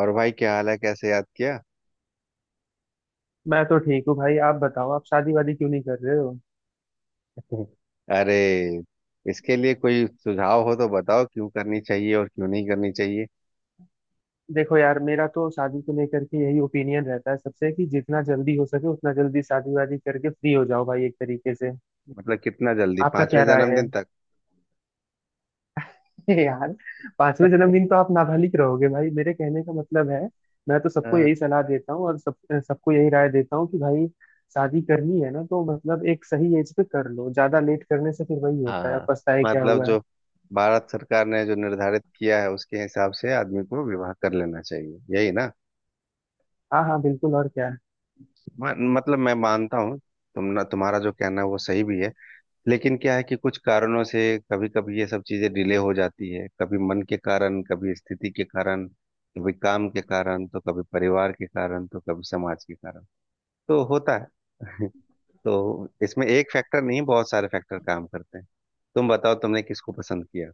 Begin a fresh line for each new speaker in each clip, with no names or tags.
और भाई क्या हाल है, कैसे याद किया?
मैं तो ठीक हूँ भाई। आप बताओ, आप शादी वादी क्यों नहीं कर रहे हो।
अरे, इसके लिए कोई सुझाव हो तो बताओ, क्यों करनी चाहिए और क्यों नहीं करनी चाहिए।
देखो यार, मेरा तो शादी को लेकर के यही ओपिनियन रहता है सबसे, कि जितना जल्दी हो सके उतना जल्दी शादी वादी करके फ्री हो जाओ भाई, एक तरीके से।
मतलब कितना जल्दी,
आपका क्या
पांचवें
राय है।
जन्मदिन तक?
यार, पांचवें जन्मदिन तो आप नाबालिग रहोगे भाई, मेरे कहने का मतलब है। मैं तो सबको
अ,
यही सलाह देता हूँ और सब सबको यही राय देता हूँ कि भाई, शादी करनी है ना तो मतलब एक सही एज पे कर लो। ज्यादा लेट करने से फिर वही
हाँ
होता है,
हाँ।
पछताए क्या
मतलब
हुआ है।
जो भारत सरकार ने जो निर्धारित किया है उसके हिसाब से आदमी को विवाह कर लेना चाहिए, यही ना।
हाँ हाँ, बिल्कुल, और क्या।
मतलब मैं मानता हूँ, तुम्हारा जो कहना है वो सही भी है, लेकिन क्या है कि कुछ कारणों से कभी कभी ये सब चीजें डिले हो जाती है। कभी मन के कारण, कभी स्थिति के कारण, कभी काम के कारण, तो कभी परिवार के कारण, तो कभी समाज के कारण तो होता है। तो इसमें एक फैक्टर नहीं, बहुत सारे फैक्टर काम करते हैं। तुम बताओ, तुमने किसको पसंद किया?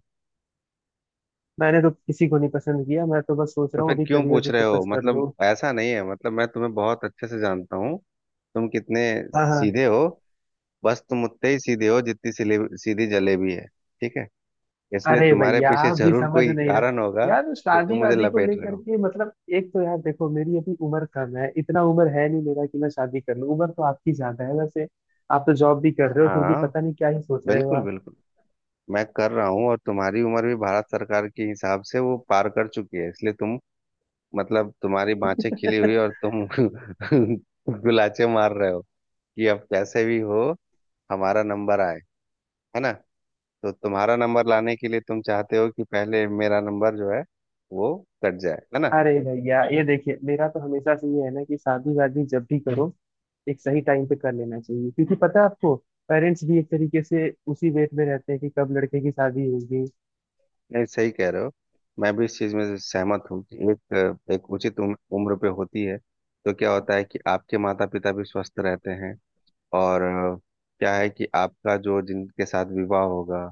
मैंने तो किसी को नहीं पसंद किया, मैं तो बस सोच
तो
रहा हूँ
फिर
अभी
क्यों
करियर
पूछ
पे
रहे हो?
फोकस कर
मतलब
लूँ।
ऐसा नहीं है, मतलब मैं तुम्हें बहुत अच्छे से जानता हूँ। तुम कितने
हाँ हाँ।
सीधे हो, बस तुम उतने ही सीधे हो जितनी सीधी जलेबी है। ठीक है, इसलिए
अरे
तुम्हारे
भैया,
पीछे
आप भी
जरूर
समझ
कोई
नहीं रहे।
कारण होगा।
यार
जो तुम
शादी
मुझे
वादी को
लपेट रहे
लेकर
हो।
के, मतलब एक तो यार देखो मेरी अभी उम्र कम है, इतना उम्र है नहीं मेरा कि मैं शादी कर लूँ। उम्र तो आपकी ज्यादा है वैसे। आप तो जॉब भी कर रहे हो, फिर भी
हाँ,
पता नहीं क्या ही सोच रहे हो
बिल्कुल
आप।
बिल्कुल। मैं कर रहा हूँ और तुम्हारी उम्र भी भारत सरकार के हिसाब से वो पार कर चुकी है, इसलिए तुम, मतलब तुम्हारी बाँछें खिली हुई और तुम गुलाचे मार रहे हो कि अब कैसे भी हो हमारा नंबर आए, है ना? तो तुम्हारा नंबर लाने के लिए तुम चाहते हो कि पहले मेरा नंबर जो है वो कट जाए, है ना?
अरे भैया ये देखिए, मेरा तो हमेशा से ये है ना कि शादी वादी जब भी करो, एक सही टाइम पे कर लेना चाहिए। क्योंकि पता है आपको, पेरेंट्स भी एक तरीके से उसी वेट में रहते हैं कि कब लड़के की शादी होगी।
नहीं, सही कह रहे हो। मैं भी इस चीज में सहमत हूँ कि एक एक उचित उम्र उम्र पे होती है। तो क्या होता है कि आपके माता पिता भी स्वस्थ रहते हैं। और क्या है कि आपका जो जिनके साथ विवाह होगा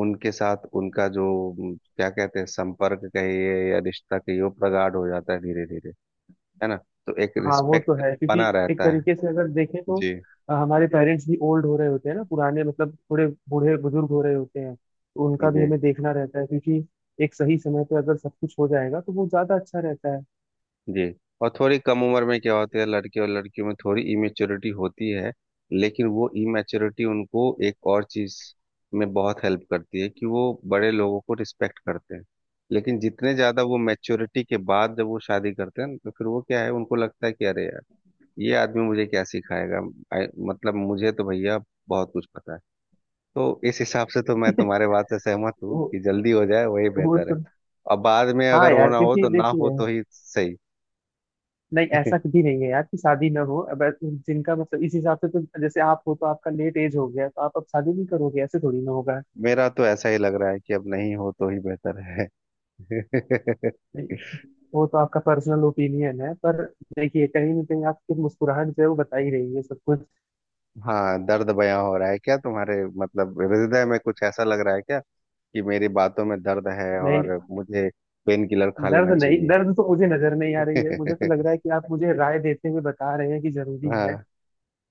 उनके साथ उनका जो क्या कहते हैं, संपर्क कहिए या रिश्ता कहिए, वो प्रगाढ़ हो जाता है धीरे धीरे, है ना? तो एक
हाँ वो तो
रिस्पेक्ट
है, क्योंकि
बना
एक
रहता है।
तरीके से अगर देखें तो
जी।
हमारे पेरेंट्स भी ओल्ड हो रहे होते हैं ना, पुराने, मतलब थोड़े बूढ़े बुजुर्ग हो रहे होते हैं। तो उनका भी
जी।
हमें देखना रहता है, क्योंकि एक सही समय पे अगर सब कुछ हो जाएगा तो वो ज्यादा अच्छा रहता है।
जी। और थोड़ी कम उम्र में क्या होता है, लड़के और लड़कियों में थोड़ी इमेच्योरिटी होती है, लेकिन वो इमेच्योरिटी उनको एक और चीज में बहुत हेल्प करती है कि वो बड़े लोगों को रिस्पेक्ट करते हैं। लेकिन जितने ज्यादा वो मैच्योरिटी के बाद जब वो शादी करते हैं, तो फिर वो क्या है, उनको लगता है कि अरे यार, ये आदमी मुझे क्या सिखाएगा। मतलब मुझे तो भैया बहुत कुछ पता है। तो इस हिसाब से तो मैं तुम्हारे बात से सहमत हूँ
वो
कि जल्दी हो जाए वही
वो
बेहतर है।
तो
और बाद में
हाँ
अगर
यार,
होना हो
क्योंकि
तो ना हो
देखिए
तो ही सही।
नहीं, ऐसा कभी नहीं है यार कि शादी ना हो। अब ऐसे जिनका मतलब, इस हिसाब से तो जैसे आप हो तो आपका लेट एज हो गया तो आप अब शादी नहीं करोगे, ऐसे थोड़ी ना होगा।
मेरा तो ऐसा ही लग रहा है कि अब नहीं हो तो ही बेहतर है।
वो तो आपका पर्सनल ओपिनियन है, पर देखिए कहीं ना कहीं आपकी मुस्कुराहट जो है वो बता ही रही है सब कुछ।
हाँ, दर्द बयां हो रहा है क्या? तुम्हारे मतलब हृदय में कुछ ऐसा लग रहा है क्या कि मेरी बातों में दर्द है
नहीं,
और मुझे पेन किलर खा
दर्द
लेना
नहीं।
चाहिए?
दर्द तो मुझे नजर नहीं आ रही है, मुझे तो लग रहा है कि आप मुझे राय देते हुए बता रहे हैं कि जरूरी
हाँ।
है।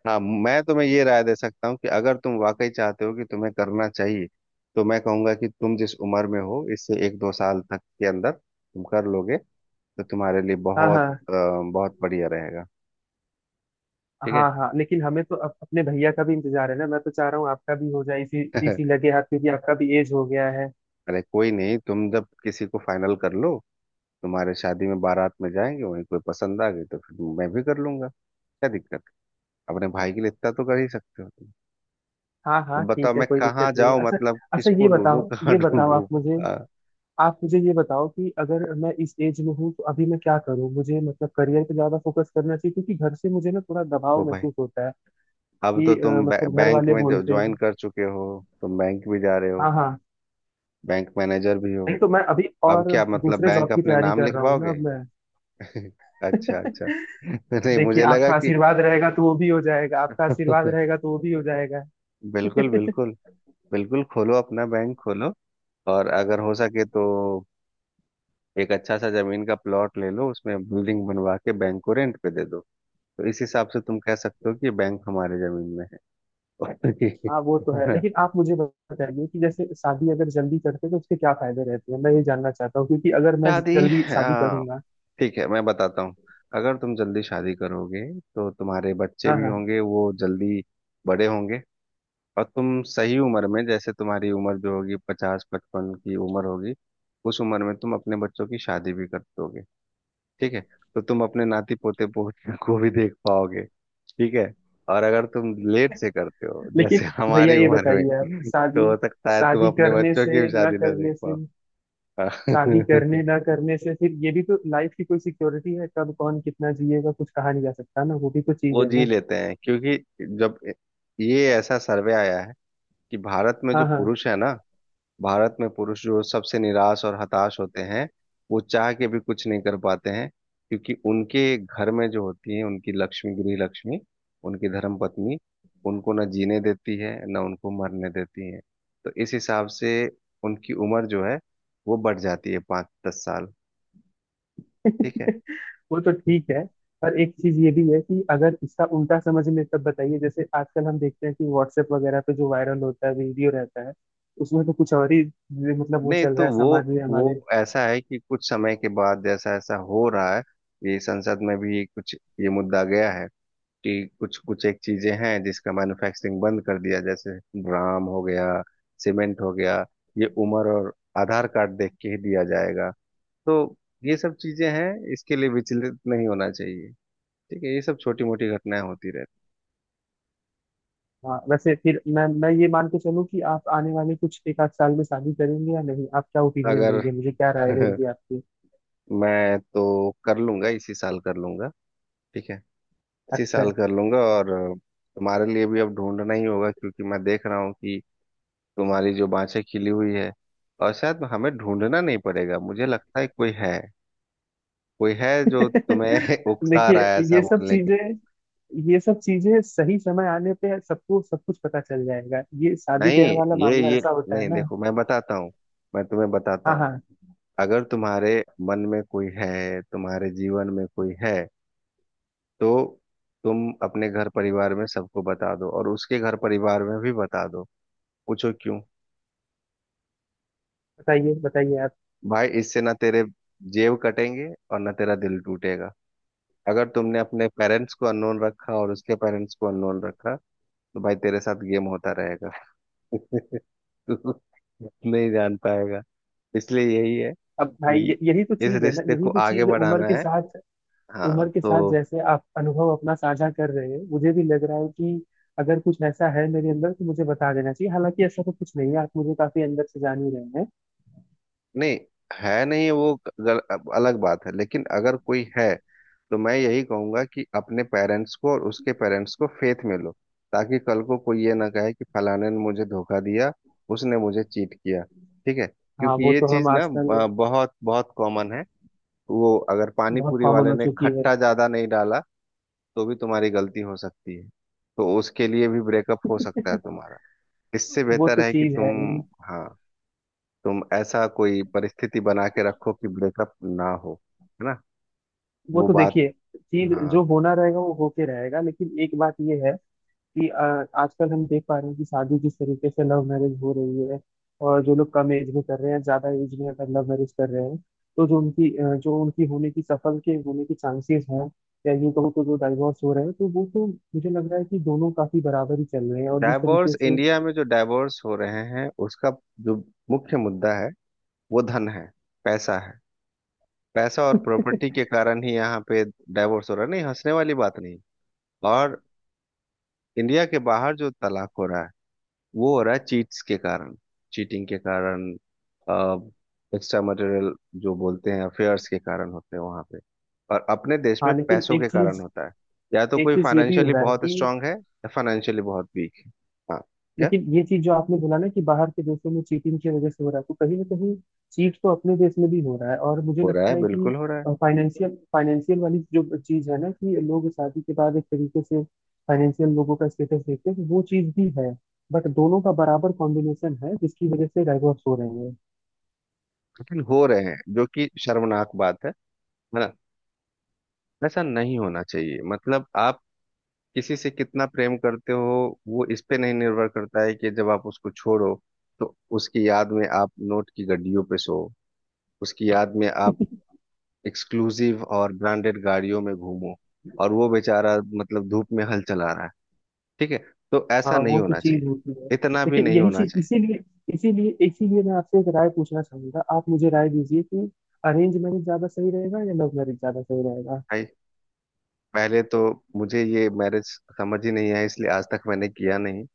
हाँ, मैं तुम्हें ये राय दे सकता हूँ कि अगर तुम वाकई चाहते हो कि तुम्हें करना चाहिए, तो मैं कहूंगा कि तुम जिस उम्र में हो इससे एक दो साल तक के अंदर तुम कर लोगे तो तुम्हारे लिए
हाँ
बहुत
हाँ।
बहुत बढ़िया रहेगा।
हाँ
ठीक
हाँ, लेकिन हमें तो अपने भैया का भी इंतजार है ना। मैं तो चाह रहा हूँ आपका भी हो जाए इसी,
है।
इसी लगे हाथ, क्योंकि आपका भी एज हो गया है।
अरे कोई नहीं, तुम जब किसी को फाइनल कर लो, तुम्हारे शादी में बारात में जाएंगे, वहीं कोई पसंद आ गई तो फिर मैं भी कर लूंगा, क्या दिक्कत है? अपने भाई के लिए इतना तो कर ही सकते हो तुम।
हाँ हाँ
अब बताओ
ठीक है,
मैं
कोई
कहाँ
दिक्कत नहीं है।
जाऊं,
अच्छा
मतलब
अच्छा,
किसको ढूंढूं कहाँ
ये बताओ
ढूंढूं?
आप मुझे,
आ,
आप मुझे ये बताओ कि अगर मैं इस एज में हूँ तो अभी मैं क्या करूँ मुझे। मतलब करियर पे ज्यादा फोकस करना चाहिए, क्योंकि घर से मुझे ना थोड़ा दबाव
को भाई,
महसूस होता है
अब तो
कि
तुम
मतलब घर
बैंक
वाले
में
बोलते
ज्वाइन
हैं।
कर चुके हो, तुम बैंक भी जा रहे हो,
हाँ हाँ,
बैंक मैनेजर भी हो,
नहीं तो मैं अभी
अब
और
क्या मतलब
दूसरे
बैंक
जॉब की
अपने
तैयारी
नाम
कर रहा हूँ ना
लिखवाओगे?
अब मैं।
अच्छा अच्छा। नहीं,
देखिए,
मुझे लगा
आपका
कि
आशीर्वाद रहेगा तो वो भी हो जाएगा, आपका आशीर्वाद रहेगा तो वो भी हो जाएगा।
बिल्कुल बिल्कुल। बिल्कुल खोलो अपना बैंक खोलो। और अगर हो सके तो एक अच्छा सा जमीन का प्लॉट ले लो, उसमें बिल्डिंग बनवा के बैंक को रेंट पे दे दो। तो इस हिसाब से तुम कह सकते हो कि बैंक हमारे जमीन में है।
हाँ वो तो
है
है,
ना?
लेकिन आप मुझे बताइए कि जैसे शादी अगर जल्दी करते हैं तो उसके क्या फायदे रहते हैं। मैं ये जानना चाहता हूँ, क्योंकि अगर मैं
शादी,
जल्दी शादी
आ,
करूंगा।
ठीक है मैं बताता हूँ। अगर तुम जल्दी शादी करोगे तो तुम्हारे बच्चे
हाँ
भी
हाँ।
होंगे, वो जल्दी बड़े होंगे। और तुम सही उम्र में, जैसे तुम्हारी उम्र जो होगी पचास पचपन की उम्र होगी, उस उम्र में तुम अपने बच्चों की शादी भी कर दोगे। ठीक है। तो तुम अपने नाती पोते पोते को भी देख पाओगे। ठीक है। और अगर तुम लेट से करते हो जैसे
लेकिन भैया
हमारी
ये
उम्र में,
बताइए, आप
तो
शादी,
हो सकता है तुम
शादी
अपने
करने
बच्चों की
से
भी
ना
शादी ना देख
करने से,
पाओ।
शादी
हाँ।
करने ना करने से फिर ये भी तो लाइफ की कोई सिक्योरिटी है, कब कौन कितना जिएगा कुछ कहा नहीं जा सकता ना। वो भी तो चीज
वो
है
जी
ना।
लेते हैं, क्योंकि जब ये ऐसा सर्वे आया है कि भारत में जो
हाँ हाँ।
पुरुष है ना, भारत में पुरुष जो सबसे निराश और हताश होते हैं, वो चाह के भी कुछ नहीं कर पाते हैं, क्योंकि उनके घर में जो होती है उनकी लक्ष्मी, गृह लक्ष्मी, उनकी धर्म पत्नी, उनको न जीने देती है, न उनको मरने देती है। तो इस हिसाब से उनकी उम्र जो है वो बढ़ जाती है पाँच दस साल। ठीक है।
वो तो
ठीक
ठीक
है।
है। पर एक चीज ये भी है कि अगर इसका उल्टा समझ में तब बताइए, जैसे आजकल हम देखते हैं कि व्हाट्सएप वगैरह पे जो वायरल होता है वीडियो रहता है, उसमें तो कुछ और ही, मतलब वो
नहीं
चल रहा
तो
है
वो
समाज में
वो
हमारे।
ऐसा है कि कुछ समय के बाद जैसा ऐसा हो रहा है, ये संसद में भी कुछ ये मुद्दा गया है कि कुछ कुछ एक चीजें हैं जिसका मैन्युफैक्चरिंग बंद कर दिया, जैसे ड्राम हो गया, सीमेंट हो गया, ये उम्र, और आधार कार्ड देख के ही दिया जाएगा। तो ये सब चीजें हैं, इसके लिए विचलित नहीं होना चाहिए। ठीक है, ये सब छोटी मोटी घटनाएं होती रहती।
हाँ, वैसे फिर मैं ये मान के चलूँ कि आप आने वाले कुछ एक आध साल में शादी करेंगे या नहीं? आप क्या ओपिनियन
अगर
देंगे, मुझे क्या राय रहेगी आपकी?
मैं तो कर लूंगा, इसी साल कर लूंगा। ठीक है। इसी
अच्छा
साल
है।
कर लूंगा। और तुम्हारे लिए भी अब ढूंढना ही होगा, क्योंकि मैं देख रहा हूँ कि तुम्हारी जो बाँछें खिली हुई है, और शायद हमें ढूंढना नहीं पड़ेगा, मुझे लगता है कोई है। कोई है जो तुम्हें उकसा
देखिए
रहा है ऐसा
ये सब
बोलने के।
चीजें, ये सब चीजें सही समय आने पे सबको सब कुछ पता चल जाएगा। ये शादी
नहीं,
ब्याह वाला
ये
मामला
ये
ऐसा होता है
नहीं,
ना।
देखो मैं बताता हूँ, मैं तुम्हें बताता
हाँ
हूँ।
हाँ,
अगर तुम्हारे मन में कोई है, तुम्हारे जीवन में कोई है, तो तुम अपने घर परिवार में सबको बता दो और उसके घर परिवार में भी बता दो। पूछो क्यों?
बताइए बताइए आप।
भाई, इससे ना तेरे जेब कटेंगे और ना तेरा दिल टूटेगा। अगर तुमने अपने पेरेंट्स को अननोन रखा और उसके पेरेंट्स को अननोन रखा, तो भाई तेरे साथ गेम होता रहेगा। तू नहीं जान पाएगा। इसलिए यही है
अब भाई
कि
यही तो
इस
चीज है ना,
रिश्ते
यही
को
तो
आगे
चीज है उम्र
बढ़ाना
के
है।
साथ।
हाँ
उम्र के साथ
तो
जैसे आप अनुभव अपना साझा कर रहे हैं, मुझे भी लग रहा है कि अगर कुछ ऐसा है मेरे अंदर तो मुझे बता देना चाहिए। हालांकि ऐसा तो कुछ नहीं है, आप मुझे काफी अंदर से जान ही रहे हैं।
नहीं है, नहीं वो गल, अलग बात है। लेकिन अगर कोई है तो मैं यही कहूंगा कि अपने पेरेंट्स को और उसके पेरेंट्स को फेथ में लो, ताकि कल को कोई ये ना कहे कि फलाने ने मुझे धोखा दिया, उसने मुझे चीट किया। ठीक है,
हाँ
क्योंकि
वो
ये
तो
चीज
हम
ना
आजकल
बहुत बहुत कॉमन है। वो अगर पानी
बहुत
पूरी
कॉमन
वाले
हो
ने
चुकी है।
खट्टा ज्यादा नहीं डाला तो भी तुम्हारी गलती हो सकती है, तो उसके लिए भी ब्रेकअप हो सकता है तुम्हारा। इससे
वो
बेहतर
तो
है कि
चीज
तुम,
है ही।
हाँ, तुम ऐसा कोई परिस्थिति बना के रखो कि ब्रेकअप ना हो, है ना?
वो
वो
तो
बात।
देखिए चीज
हाँ,
जो होना रहेगा वो होके रहेगा, लेकिन एक बात ये है कि आजकल हम देख पा रहे हैं कि शादी जिस तरीके से लव मैरिज हो रही है, और जो लोग कम एज में कर रहे हैं, ज्यादा एज में अगर लव मैरिज कर रहे हैं, तो जो उनकी जो उनकी होने की सफल के होने की चांसेस हैं, या यूं कहो तो जो डाइवोर्स हो रहे हैं, तो वो तो मुझे लग रहा है कि दोनों काफी बराबर ही चल रहे हैं और जिस तरीके
डाइवोर्स,
से।
इंडिया में जो डाइवोर्स हो रहे हैं उसका जो मुख्य मुद्दा है वो धन है, पैसा है। पैसा और प्रॉपर्टी के कारण ही यहाँ पे डाइवोर्स हो रहा है, नहीं हंसने वाली बात नहीं। और इंडिया के बाहर जो तलाक हो रहा है वो हो रहा है चीट्स के कारण, चीटिंग के कारण, एक्स्ट्रा मटेरियल जो बोलते हैं, अफेयर्स के कारण होते हैं वहां पे, और अपने देश में
हाँ लेकिन
पैसों
एक
के कारण
चीज,
होता है। या तो
एक
कोई
चीज ये भी हो
फाइनेंशियली
रहा है
बहुत
कि
स्ट्रांग है या फाइनेंशियली बहुत वीक है। हाँ, क्या?
लेकिन ये चीज जो आपने बोला ना कि बाहर के देशों में चीटिंग की वजह से हो रहा है, तो कहीं ना कहीं चीट तो अपने देश में भी हो रहा है। और मुझे
हो रहा
लगता
है,
है कि
बिल्कुल हो रहा है।
फाइनेंशियल फाइनेंशियल वाली जो चीज है ना, कि लोग शादी के बाद एक तरीके से फाइनेंशियल लोगों का स्टेटस देखते हैं, तो वो चीज भी है। बट दोनों का बराबर कॉम्बिनेशन है जिसकी वजह से डाइवोर्स हो रहे हैं।
लेकिन हो रहे हैं, जो कि शर्मनाक बात है ना? ऐसा नहीं होना चाहिए। मतलब आप किसी से कितना प्रेम करते हो वो इस पे नहीं निर्भर करता है कि जब आप उसको छोड़ो तो उसकी याद में आप नोट की गड्डियों पे सो, उसकी याद में आप एक्सक्लूसिव और ब्रांडेड गाड़ियों में घूमो, और वो बेचारा मतलब धूप में हल चला रहा है। ठीक है, तो ऐसा
हाँ
नहीं
वो तो
होना
चीज
चाहिए,
होती है।
इतना भी
लेकिन
नहीं
यही
होना
चीज,
चाहिए।
इसीलिए इसीलिए इसीलिए मैं आपसे एक राय पूछना चाहूंगा। आप मुझे राय दीजिए कि अरेंज मैरिज ज्यादा सही रहेगा या लव मैरिज ज्यादा सही रहेगा।
भाई, पहले तो मुझे ये मैरिज समझ ही नहीं है, इसलिए आज तक मैंने किया नहीं।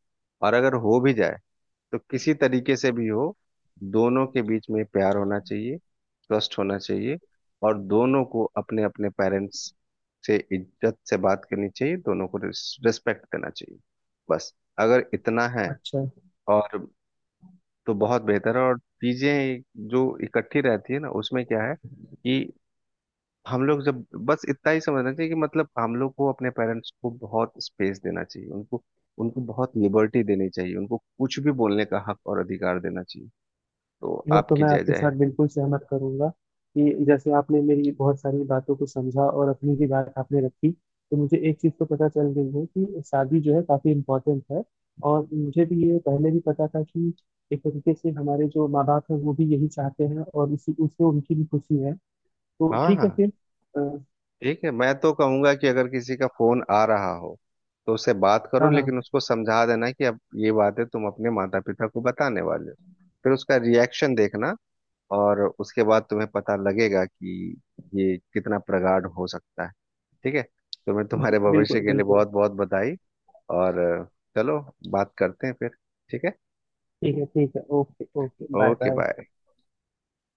और अगर हो भी जाए तो किसी तरीके से भी हो, दोनों के बीच में प्यार होना चाहिए, ट्रस्ट होना चाहिए, और दोनों को अपने अपने पेरेंट्स से इज्जत से बात करनी चाहिए, दोनों को रिस्पेक्ट देना चाहिए। बस, अगर इतना है
अच्छा।
और, तो बहुत बेहतर है। और चीजें जो इकट्ठी रहती है ना, उसमें क्या है कि हम लोग जब, बस इतना ही समझना चाहिए कि मतलब हम लोग को अपने पेरेंट्स को बहुत स्पेस देना चाहिए, उनको उनको बहुत लिबर्टी देनी चाहिए, उनको कुछ भी बोलने का हक और अधिकार देना चाहिए, तो
वो तो
आपकी
मैं
जय
आपके
जय।
साथ बिल्कुल सहमत करूंगा कि जैसे आपने मेरी बहुत सारी बातों को समझा और अपनी भी बात आपने रखी, तो मुझे एक चीज़ तो पता चल गई है कि शादी जो है काफ़ी इम्पोर्टेंट है। और मुझे भी ये पहले भी पता था कि एक तरीके से हमारे जो माँ बाप हैं वो भी यही चाहते हैं और इसी उससे उनकी भी खुशी है। तो
हाँ
ठीक
हाँ,
है फिर। अ,
ठीक है। मैं तो कहूंगा कि अगर किसी का फोन आ रहा हो तो उससे बात करो,
हाँ हाँ,
लेकिन उसको समझा देना कि अब ये बातें तुम अपने माता पिता को बताने वाले हो, फिर उसका रिएक्शन देखना। और उसके बाद तुम्हें पता लगेगा कि ये कितना प्रगाढ़ हो सकता है। ठीक है, तो मैं तुम्हारे भविष्य
बिल्कुल
के लिए
बिल्कुल।
बहुत बहुत बधाई। और चलो, बात करते हैं फिर। ठीक है,
ठीक है ठीक है, okay okay, bye
okay
bye.
Bye.